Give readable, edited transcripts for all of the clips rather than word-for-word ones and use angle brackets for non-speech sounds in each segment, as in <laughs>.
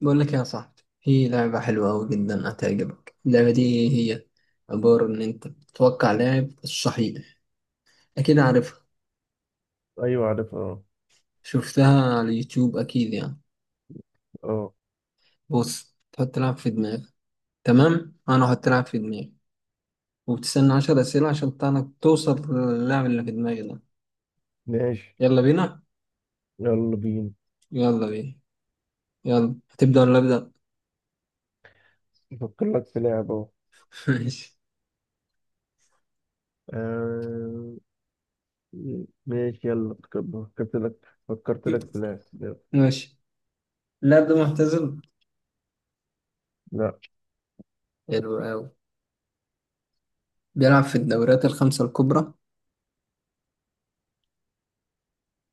بقول لك يا صاحبي، في لعبة حلوة أوي جدا هتعجبك. اللعبة دي هي عبارة إن أنت تتوقع لاعب الصحيح. أكيد عارفها، ايوه عارف اه. شفتها على اليوتيوب أكيد يعني. اه. بص، تحط لاعب في دماغك. تمام، أنا أحط لاعب في دماغي وبتستنى 10 أسئلة عشان تعرف توصل للاعب اللي في دماغي ده. ماشي، يلا بينا. يلا بينا. يلا بينا. يلا، هتبدأ ولا أبدأ؟ افكر لك في لعبة اهو. <laughs> ماشي. آه، ماشي، يلا فكرت لك في لعبة يلا. ماشي. اللاعب ده معتزل؟ لا. حلو أوي. بيلعب في الدوريات الخمسة الكبرى؟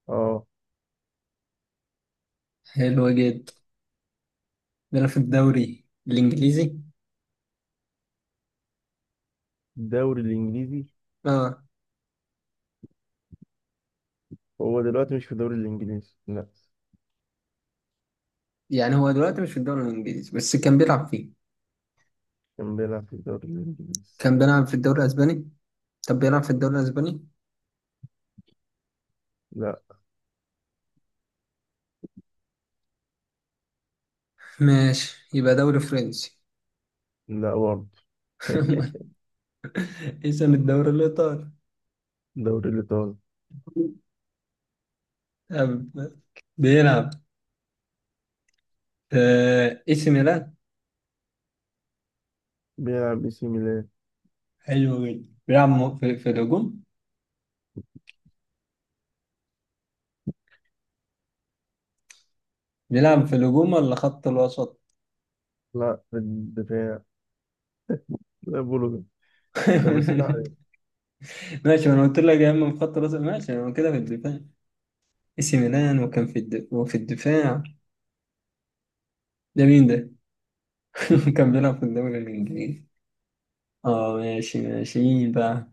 اه. حلو جدا. ده في الدوري الانجليزي؟ الدوري الانجليزي. اه. هو دلوقتي مش في الدوري الانجليزي، لا. يعني هو دلوقتي مش في الدوري الانجليزي بس كان بيلعب فيه. كان بيلعب في الدوري الانجليزي. كان بيلعب في الدوري الاسباني؟ طب بيلعب في الدوري الاسباني؟ لا، ماشي، يبقى دوري فرنسي؟ لا برضه. <laughs> <laughs> اسم الدوري الايطالي. الدوري الايطالي. طب بيلعب في اي سي ميلان؟ بيلعب اي سي ميلان. حلو جدا. بيلعب في الهجوم؟ بيلعب في الهجوم ولا خط الوسط؟ لا، في الدفاع. لا، بولو. ده بسأل <laughs> عليه. ماشي، ما انا قلت لك يا اما في خط الوسط ماشي انا كده في الدفاع. اي سي ميلان وكان في الدفاع. ده مين ده؟ <laughs> كان بيلعب في الدوري الإنجليزي. اه، ماشي ماشي مين بقى؟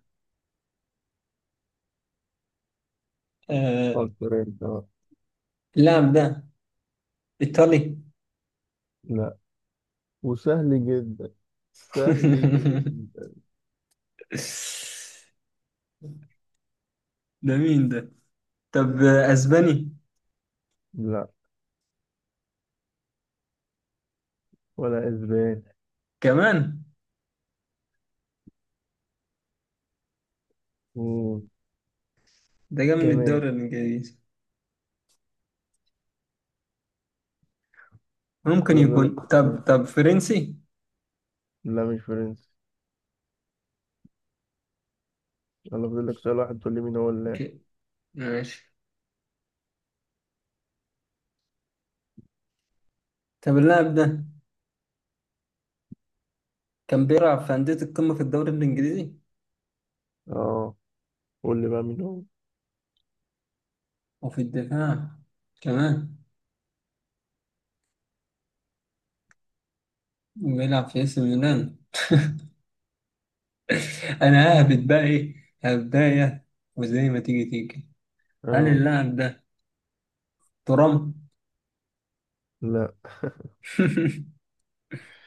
آه فكر انت بقى. اللاعب ده إيطالي؟ لا. وسهل جدا. سهل <laughs> جدا. ده مين ده؟ طب أسباني لا، ولا اسباني. كمان؟ مم. ده جاي من كمان. الدوري الإنجليزي. ممكن يلا فاضل لك يكون؟ طب سؤالين. طب فرنسي؟ لا، مش فرنسي. يلا فاضل لك سؤال واحد تقول لي مين هو اللاعب. اوكي، ماشي. طب اللاعب ده كان بيلعب في أندية القمة في الدوري الإنجليزي اه، قول لي بقى مين هو. وفي الدفاع كمان وبيلعب في AC ميلان. <laughs> أنا ههبط مم. بقى إيه؟ هبداية. وزي ما تيجي تيجي. هل اه. اللاعب ده ترام؟ لا.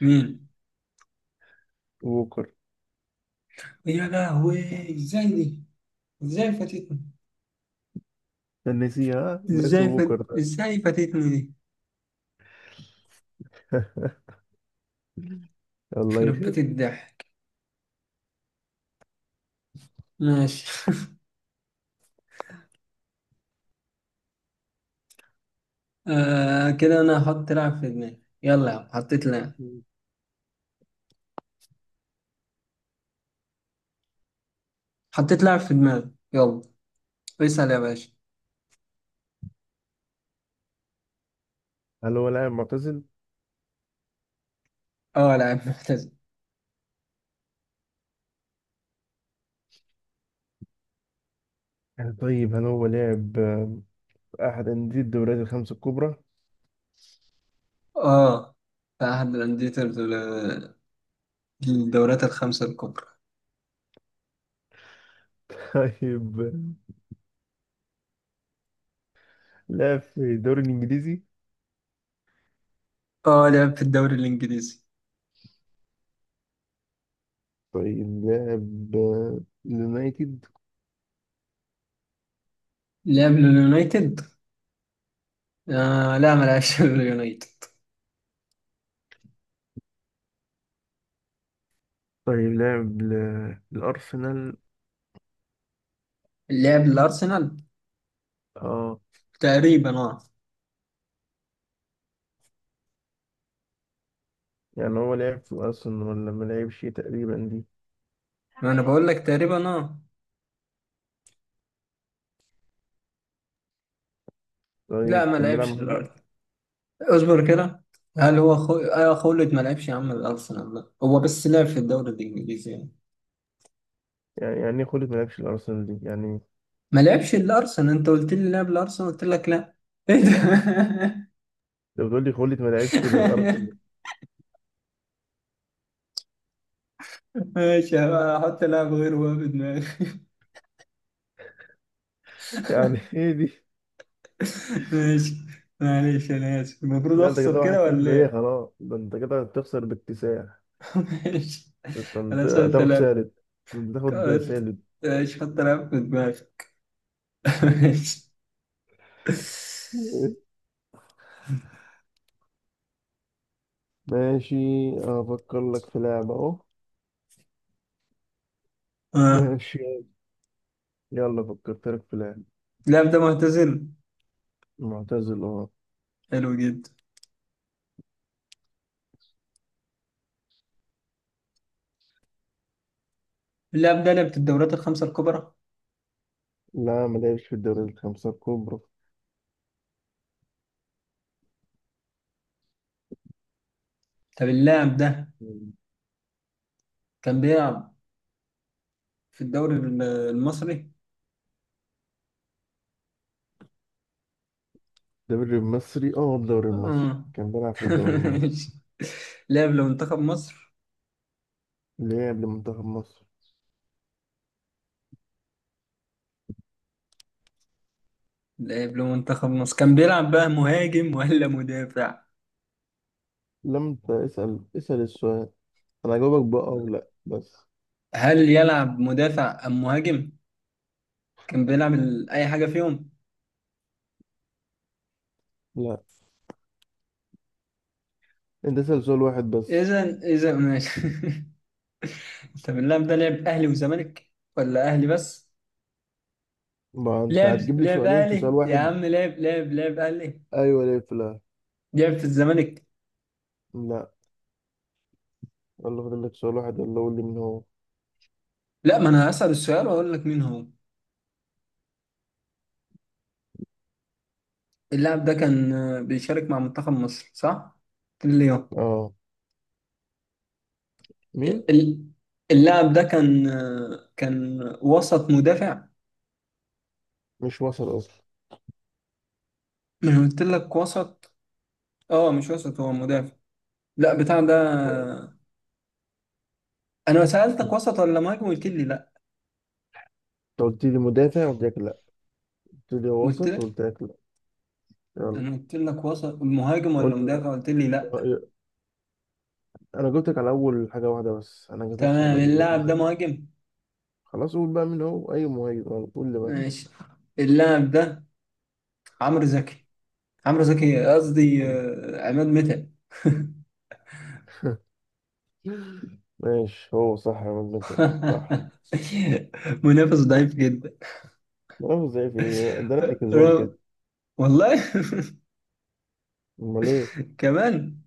<laughs> مين؟ ووكر. يا لهوي، ازاي دي؟ ازاي فاتتني؟ نسيها، ناسي ووكر ده. ازاي فاتتني دي؟ <laughs> الله يخير. خربت الضحك. ماشي. <laughs> كده انا هحط لاعب في دماغي، يلا يا عم، حطيت لاعب. مم. حطيت لاعب في دماغي، يلا اسأل يا باشا. هل هو لاعب معتزل؟ اه لاعب محترف. طيب، هل هو لاعب في أحد أندية الدوريات الخمسة الكبرى؟ اه، في احد الاندية الدورات الخمسة الكبرى. <laughs> طيب، لاعب في الدوري الإنجليزي؟ اه، لعب في الدوري الانجليزي. طيب، لاعب اليونايتد؟ لعب لليونايتد؟ لا، ما لعبش <laughs> لليونايتد. طيب، لاعب الأرسنال. لعب الأرسنال اه، تقريبا اه. يعني هو لعب في الارسنال ولا ما لعبش؟ تقريبا دي؟ ما أنا بقول لك تقريبا اه. لا، طيب، ما كان بيلعب لعبش مهاجم. الأرسنال. اصبر كده. هل هو خو... آه خولد ما لعبش يا عم الأرسنال، لا هو بس لعب في الدوري الإنجليزي يعني. يعني ايه خلت ما لعبش الارسنال دي يعني. ما لعبش الأرسنال، أنت قلت لي لعب الأرسنال قلت لك لا. إيه ده؟ انت بتقول لي خلت ما لعبش للارسنال. <laughs> ماشي، هحط لاعب غيره بقى في دماغي. <laughs> <laughs> يعني ايه دي؟ ماشي. معلش أنا آسف، المفروض لا، انت أخسر كده كده ولا 1-0. ايه، إيه؟ خلاص، ده انت كده هتخسر باكتساح. <laughs> ماشي. ده انت أنا سألت هتاخد لاعب. سالب. ده انت هتاخد قلت سالب. ماشي، حط لاعب في دماغي. <laughs> ماشي. <laughs> ماشي. افكر لك في لعبة اهو. اه، ماشي، يلا فكرت لك في لعبة. اللاعب ده معتزل. معتزل، اه. حلو جدا. اللاعب ده لعب في الدوريات الخمسة الكبرى. لا، ما لعبش في الدوري الخمسة الكبرى. طب اللاعب ده كان بيلعب في الدوري المصري. الدوري المصري. اه، الدوري المصري، اه. كان بيلعب في الدوري <laughs> المصري. ماشي. لعب لمنتخب مصر. لعب لمنتخب مصر. لعب لمنتخب مصر، كان بيلعب بقى مهاجم ولا مدافع؟ لم ت- اسأل اسأل السؤال. انا هجاوبك بقى او لا، بس. هل يلعب مدافع ام مهاجم؟ كان بيلعب اي حاجة فيهم. لا، انت اسأل سؤال واحد بس. اذا ماشي. <laughs> طب اللاعب ده لعب اهلي وزمالك ولا اهلي بس؟ ما انت لعب هتجيب لي لعب سؤالين في سؤال اهلي يا واحد. عم، لعب اهلي. ايوه ولا في لا. لعب في الزمالك. لا. يلا فاضل لك سؤال واحد، يلا قول لي مين هو. لا، ما انا هسأل السؤال واقول لك مين هو. اللاعب ده كان بيشارك مع منتخب مصر، صح؟ كل يوم. اه، مين. ال- اللاعب ده كان كان وسط مدافع. مش وسط اصلا. من قلت لك وسط؟ اه، مش وسط، هو مدافع. لا بتاع ده. انت انا سألتك وسط ولا مهاجم قلت لي لا. قلت لي مدافع قلت لك لا. قلت لي قلت وسط لك. قلت لك لا. يلا، انا قلت لك وسط مهاجم قول ولا لي بقى. مدافع قلت لي لا. آه، انا جبتك على اول حاجة واحدة بس، انا ما جبتكش على تمام، اللي. اللاعب ده مهاجم. خلاص، قول بقى مين هو. اي مهاجم انا، قول لي بقى مين ماشي، اللاعب ده عمرو زكي. عمرو زكي قصدي هو. عماد متعب. ماشي، هو صح يا مجنون، صح. <laughs> منافس ضعيف جدا. ما زي في إيه؟ ده انا اللي كسبان كده. رو- والله. امال ايه. <laughs> كمان.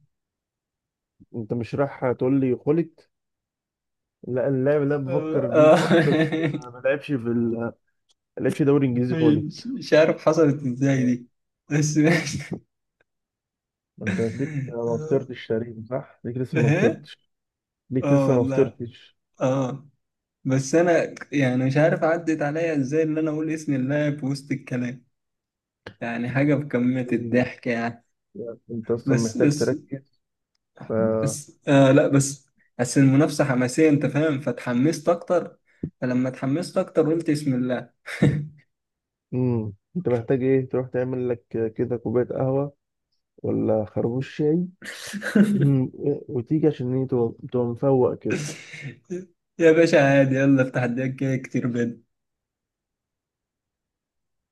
انت مش رايح تقول لي خلت. لا، اللاعب اللي أنا آه، بفكر فيه خلت <laughs> بس آه. ما لعبش في ما لعبش دوري انجليزي خلت. مش عارف حصلت ازاي آه. دي. بس ماشي. ما انت ليك ما آه، فطرتش تقريبا، صح، ليك لسه ما ها. فطرتش. ليك اه لسه ما والله. فطرتش. اه. بس انا يعني مش عارف عدت عليا ازاي ان انا اقول اسم اللاعب في وسط الكلام. يعني حاجه بكميه أمم. الضحك يعني. يعني انت اصلا بس محتاج بس تركز. ف بس آه لا بس بس المنافسة حماسية انت فاهم، فتحمست اكتر. فلما اتحمست اكتر قلت بسم الله. <laughs> انت محتاج ايه تروح تعمل لك كده كوبايه قهوه، ولا خربوش شاي؟ مم. وتيجي عشان ايه تبقى مفوق كده. يا باشا عادي، يلا افتح الدنيا كده كتير بيض